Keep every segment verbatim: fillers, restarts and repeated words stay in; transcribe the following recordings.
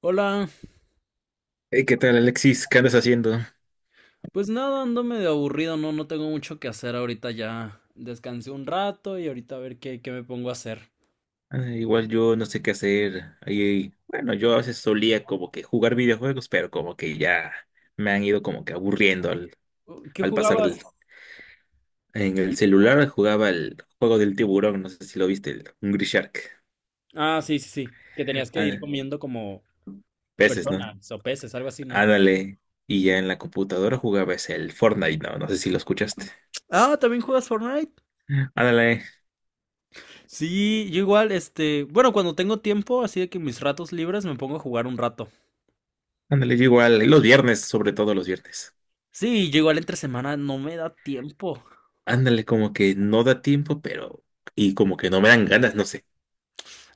Hola, Hey, ¿qué tal, Alexis? ¿Qué andas haciendo? pues nada, ando medio aburrido, no, no tengo mucho que hacer ahorita ya. Descansé un rato y ahorita a ver qué, qué me pongo a hacer. Ah, igual yo no sé qué hacer. Ahí, bueno, yo a veces solía como que jugar videojuegos, pero como que ya me han ido como que aburriendo al, Uh, ¿Qué al pasar jugabas? del... En el celular jugaba el juego del tiburón, no sé si lo viste, el Hungry Shark. Ah, sí, sí, sí, que tenías que ir Ah, comiendo como peces, ¿no? personas o peces, algo así, ¿no? Ándale. Y ya en la computadora jugaba ese, el Fortnite, ¿no? No sé si lo escuchaste. Ah, ¿también juegas Fortnite? Ándale, Sí, yo igual, este, bueno, cuando tengo tiempo, así de que mis ratos libres me pongo a jugar un rato. ándale, yo igual. Y los viernes, sobre todo los viernes. Sí, yo igual entre semana no me da tiempo. Ándale, como que no da tiempo, pero... Y como que no me dan ganas, no sé.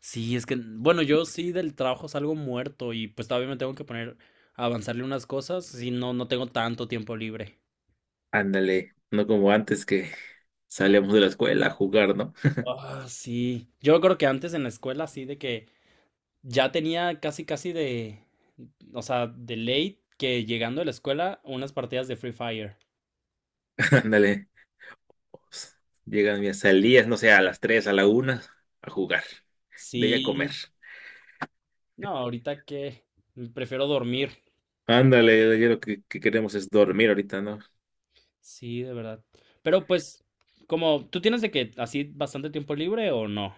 Sí, es que, bueno, yo sí del trabajo salgo muerto y pues todavía me tengo que poner a avanzarle unas cosas, si no, no tengo tanto tiempo libre. Ándale, no como antes que salíamos de la escuela a jugar, ¿no? Ah, sí. Yo me acuerdo que antes en la escuela, así de que ya tenía casi, casi de, o sea, de late que llegando de la escuela, unas partidas de Free Fire. Ándale, pues, llegan mis salidas, no sé, a las tres a la una a jugar, de ahí a comer. Sí. No, ahorita que prefiero dormir. Ándale, ya lo que, que queremos es dormir ahorita, ¿no? Sí, de verdad. Pero pues, como, ¿tú tienes de que así bastante tiempo libre o no?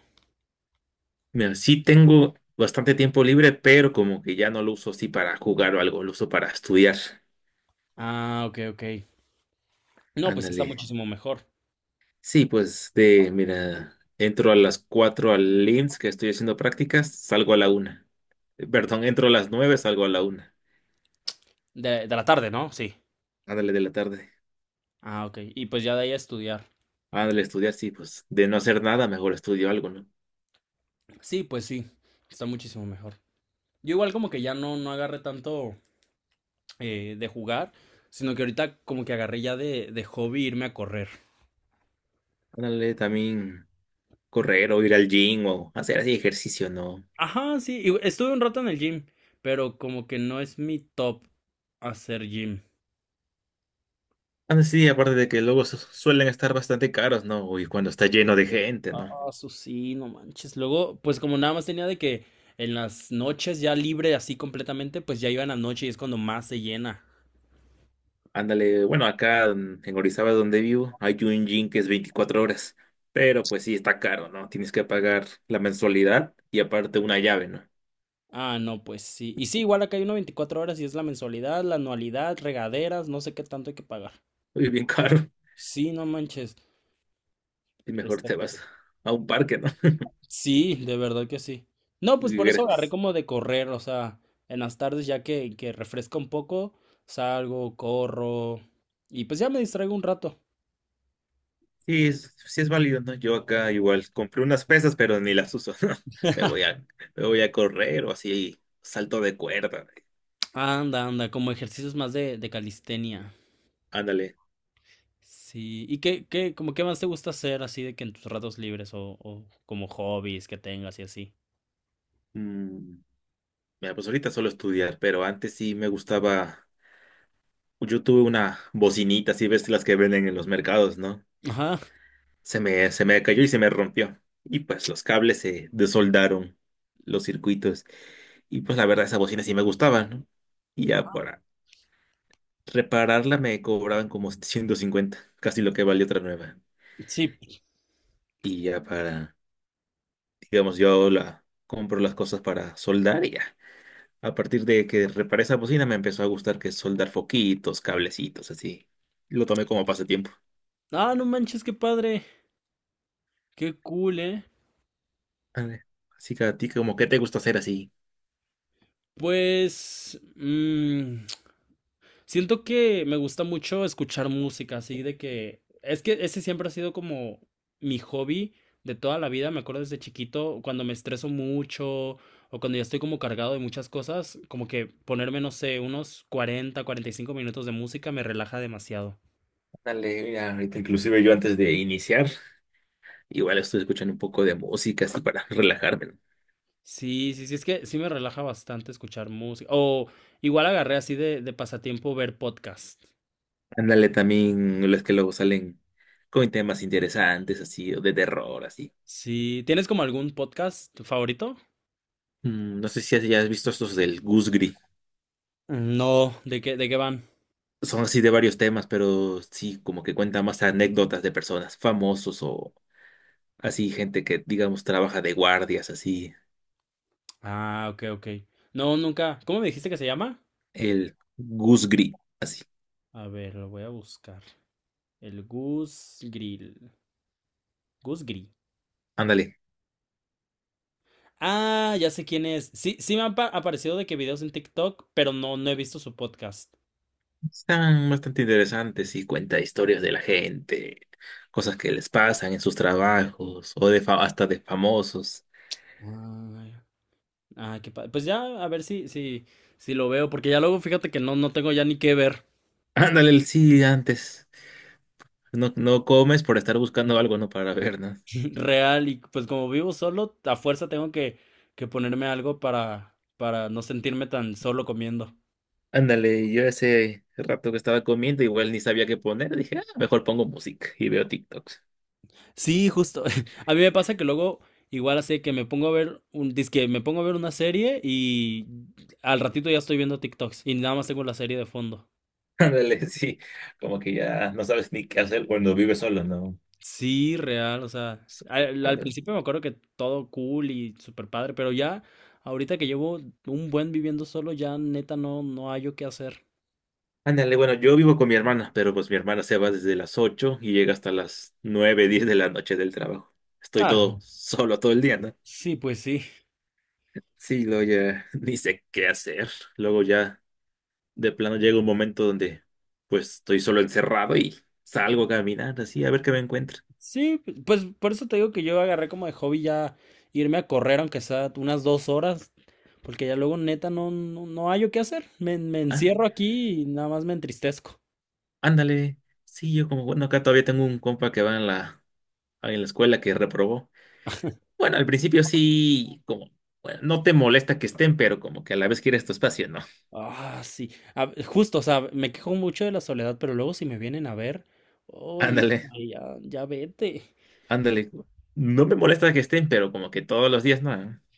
Mira, sí tengo bastante tiempo libre, pero como que ya no lo uso así para jugar o algo, lo uso para estudiar. Ah, ok, ok. No, pues sí está Ándale. muchísimo mejor. Sí, pues de, mira, entro a las cuatro al I M S S que estoy haciendo prácticas, salgo a la una. Perdón, entro a las nueve, salgo a la una. De, de la tarde, ¿no? Sí. Ándale, de la tarde. Ah, ok. Y pues ya de ahí a estudiar. Ándale, estudiar, sí, pues de no hacer nada, mejor estudio algo, ¿no? Sí, pues sí. Está muchísimo mejor. Yo igual como que ya no, no agarré tanto eh, de jugar, sino que ahorita como que agarré ya de, de hobby irme a correr. Ándale, también correr o ir al gym o hacer así ejercicio, ¿no? Ajá, sí. Y estuve un rato en el gym, pero como que no es mi top hacer gym. Ándale, sí, aparte de que luego su- suelen estar bastante caros, ¿no? Y cuando está lleno de gente, ¿no? Ah, eso sí, no manches. Luego, pues como nada más tenía de que en las noches ya libre así completamente, pues ya iba en la noche y es cuando más se llena. Ándale, bueno, acá mm, en Orizaba, donde vivo, hay un gym que es veinticuatro horas, pero pues sí, está caro, ¿no? Tienes que pagar la mensualidad y aparte una llave, ¿no? Ah, no, pues sí. Y sí, igual acá hay una veinticuatro horas y es la mensualidad, la anualidad, regaderas, no sé qué tanto hay que pagar. Y bien caro, Sí, no manches. y mejor está te ca- vas a un parque, ¿no? Sí, de verdad que sí. No, pues Y por eso agarré gratis. como de correr, o sea, en las tardes ya que, que refresca un poco, salgo, corro y pues ya me distraigo un rato. Sí, es, sí es válido, ¿no? Yo acá igual compré unas pesas, pero ni las uso, ¿no? Me voy a, me voy a correr o así, salto de cuerda. Anda, anda, como ejercicios más de, de calistenia. Ándale. Sí. ¿Y qué, qué, como qué más te gusta hacer así de que en tus ratos libres o, o como hobbies que tengas y así? Mm, mira, pues ahorita solo estudiar, pero antes sí me gustaba. Yo tuve una bocinita, así ves las que venden en los mercados, ¿no? Ajá. Se me, se me cayó y se me rompió. Y pues los cables se desoldaron, los circuitos. Y pues la verdad, esa bocina sí me gustaba, ¿no? Y ya Ajá. para repararla me cobraban como ciento cincuenta, casi lo que valió otra nueva. Sí. Y ya para, digamos, yo la, compro las cosas para soldar y ya. A partir de que reparé esa bocina me empezó a gustar que es soldar foquitos, cablecitos, así. Lo tomé como pasatiempo. Ah, no manches, qué padre. Qué cool, ¿eh? Vale. Así que a ti, como, ¿qué te gusta hacer así? Pues, mm, siento que me gusta mucho escuchar música, así de que. Es que ese siempre ha sido como mi hobby de toda la vida. Me acuerdo desde chiquito, cuando me estreso mucho o cuando ya estoy como cargado de muchas cosas, como que ponerme, no sé, unos cuarenta, cuarenta y cinco minutos de música me relaja demasiado. Dale, mira, ahorita inclusive yo antes de iniciar, igual estoy escuchando un poco de música así para relajarme, ¿no? Sí, sí, sí, es que sí me relaja bastante escuchar música. O igual agarré así de, de pasatiempo ver podcast. Ándale, también los que luego salen con temas interesantes así, o de terror así. Sí, ¿tienes como algún podcast favorito? Mm, no sé si has- ya has visto estos del Goose. No, ¿De qué, de qué van? Son así de varios temas, pero sí, como que cuenta más anécdotas de personas, famosos o así, gente que, digamos, trabaja de guardias, así, Ah, ok, ok. No, nunca. ¿Cómo me dijiste que se llama? el Goose Gris, así. A ver, lo voy a buscar. El Gus Grill. Gus Grill. Ándale. Ah, ya sé quién es. Sí, sí me han pa- aparecido de que videos en TikTok, pero no, no he visto su podcast. Están bastante interesantes y cuenta historias de la gente, cosas que les pasan en sus trabajos o de fa- hasta de famosos. Ah, ah, qué padre. Pues ya, a ver si, si, si lo veo, porque ya luego fíjate que no, no tengo ya ni qué ver. Ándale, el sí, antes. No, no comes por estar buscando algo, ¿no? Para ver, ¿no? Real, y pues como vivo solo, a fuerza tengo que, que ponerme algo para, para no sentirme tan solo comiendo. Ándale, yo ese rato que estaba comiendo, igual ni sabía qué poner, dije, "Ah, mejor pongo música y veo TikToks". Sí, justo. A mí me pasa que luego, igual así que me pongo a ver un, dizque me pongo a ver una serie y al ratito ya estoy viendo TikToks y nada más tengo la serie de fondo. Ándale, sí, como que ya no sabes ni qué hacer cuando vives solo, ¿no? Sí, real, o sea, So, al, al ándale. principio me acuerdo que todo cool y super padre, pero ya ahorita que llevo un buen viviendo solo, ya neta no, no hallo qué hacer. Ándale, bueno, yo vivo con mi hermana, pero pues mi hermana se va desde las ocho y llega hasta las nueve diez de la noche del trabajo. Estoy Ah, todo solo todo el día, ¿no? sí, pues sí. Sí, luego ya ni sé qué hacer. Luego ya de plano llega un momento donde pues estoy solo encerrado y salgo a caminar así a ver qué me encuentro. Sí, pues por eso te digo que yo agarré como de hobby ya irme a correr, aunque sea unas dos horas, porque ya luego neta no, no, no hallo qué hacer. Me, me Ah, encierro aquí y nada más me entristezco. ándale. Sí, yo como, bueno, acá todavía tengo un compa que va en la, en la escuela que reprobó. Bueno, al principio sí, como, bueno, no te molesta que estén, pero como que a la vez quieres tu espacio, ¿no? Ah, sí. A- justo, o sea, me quejo mucho de la soledad, pero luego si me vienen a ver, oye, Ándale, ya, ya vete. ándale. No me molesta que estén, pero como que todos los días, ¿no?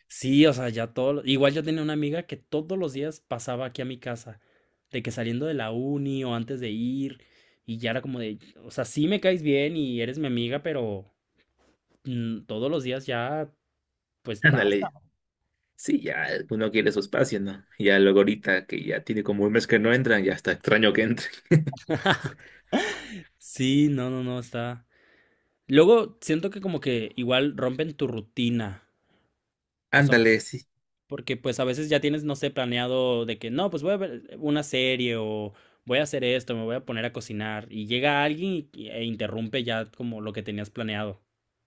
Sí, o sea, ya todo. lo- Igual yo tenía una amiga que todos los días pasaba aquí a mi casa, de que saliendo de la uni o antes de ir, y ya era como de, o sea, sí me caes bien y eres mi amiga, pero. Mm, todos los días ya, pues basta. Ándale. Sí, ya uno quiere su espacio, ¿no? Ya luego ahorita que ya tiene como un mes que no entran, ya está extraño que entren. Sí, no, no, no, está. Luego siento que como que igual rompen tu rutina. O sea, Ándale, sí. porque pues a veces ya tienes, no sé, planeado de que no, pues voy a ver eh, una serie o voy a hacer esto, me voy a poner a cocinar. Y llega alguien y- y- e interrumpe ya como lo que tenías planeado.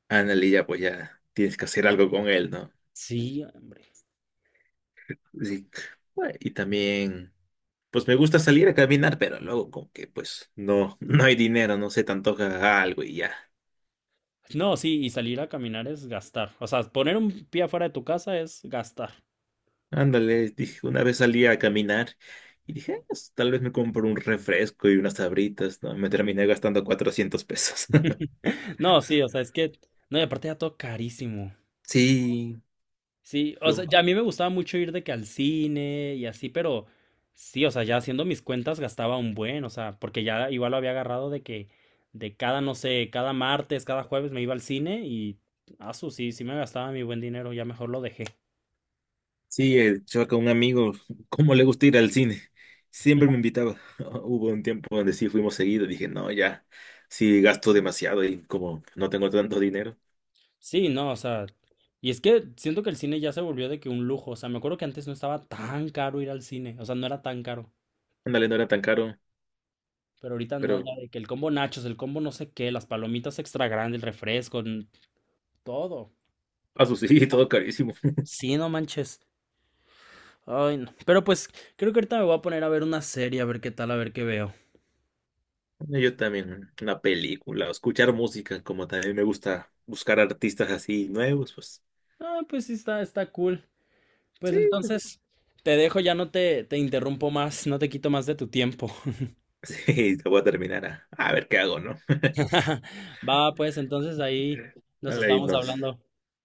Ándale, ya pues ya tienes que hacer algo con él, ¿no? Sí, hombre. Sí. Bueno, y también, pues me gusta salir a caminar, pero luego como que pues no, no hay dinero, no se te antoja algo y ya. No, sí, y salir a caminar es gastar. O sea, poner un pie afuera de tu casa es gastar. Ándale, dije, una vez salí a caminar y dije, "Ah, pues, tal vez me compro un refresco y unas sabritas, ¿no?". Me terminé gastando cuatrocientos pesos. No, sí, o sea, es que. No, y aparte ya todo carísimo. Sí, Sí, o sea, luego. ya a mí me gustaba mucho ir de que al cine y así, pero sí, o sea, ya haciendo mis cuentas gastaba un buen, o sea, porque ya igual lo había agarrado de que de cada, no sé, cada martes, cada jueves me iba al cine y, asu, sí, sí me gastaba mi buen dinero, ya mejor lo dejé. Sí, el chavaca, un amigo, ¿cómo le gusta ir al cine? Siempre me invitaba. Hubo un tiempo donde sí fuimos seguido. Dije, no, ya, sí gasto demasiado y como no tengo tanto dinero. Sí, no, o sea, y es que siento que el cine ya se volvió de que un lujo, o sea, me acuerdo que antes no estaba tan caro ir al cine, o sea, no era tan caro, Ándale, no era tan caro, pero ahorita no, pero ya de que el combo nachos, el combo no sé qué, las palomitas extra grandes, el refresco, n- todo. a su sí, todo carísimo. Sí, no manches. Ay, no. Pero pues creo que ahorita me voy a poner a ver una serie, a ver qué tal, a ver qué veo. Yo también, una película, o escuchar música, como también me gusta buscar artistas así nuevos, pues Ah, pues sí, está, está cool. sí. Pues entonces te dejo, ya no te, te interrumpo más, no te quito más de tu tiempo. Sí, te voy a terminar a, a ver qué hago, ¿no? Va, pues entonces ahí nos Dale, ahí estamos nos, hablando.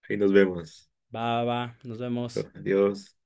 ahí nos vemos. Va, va, nos vemos. Adiós.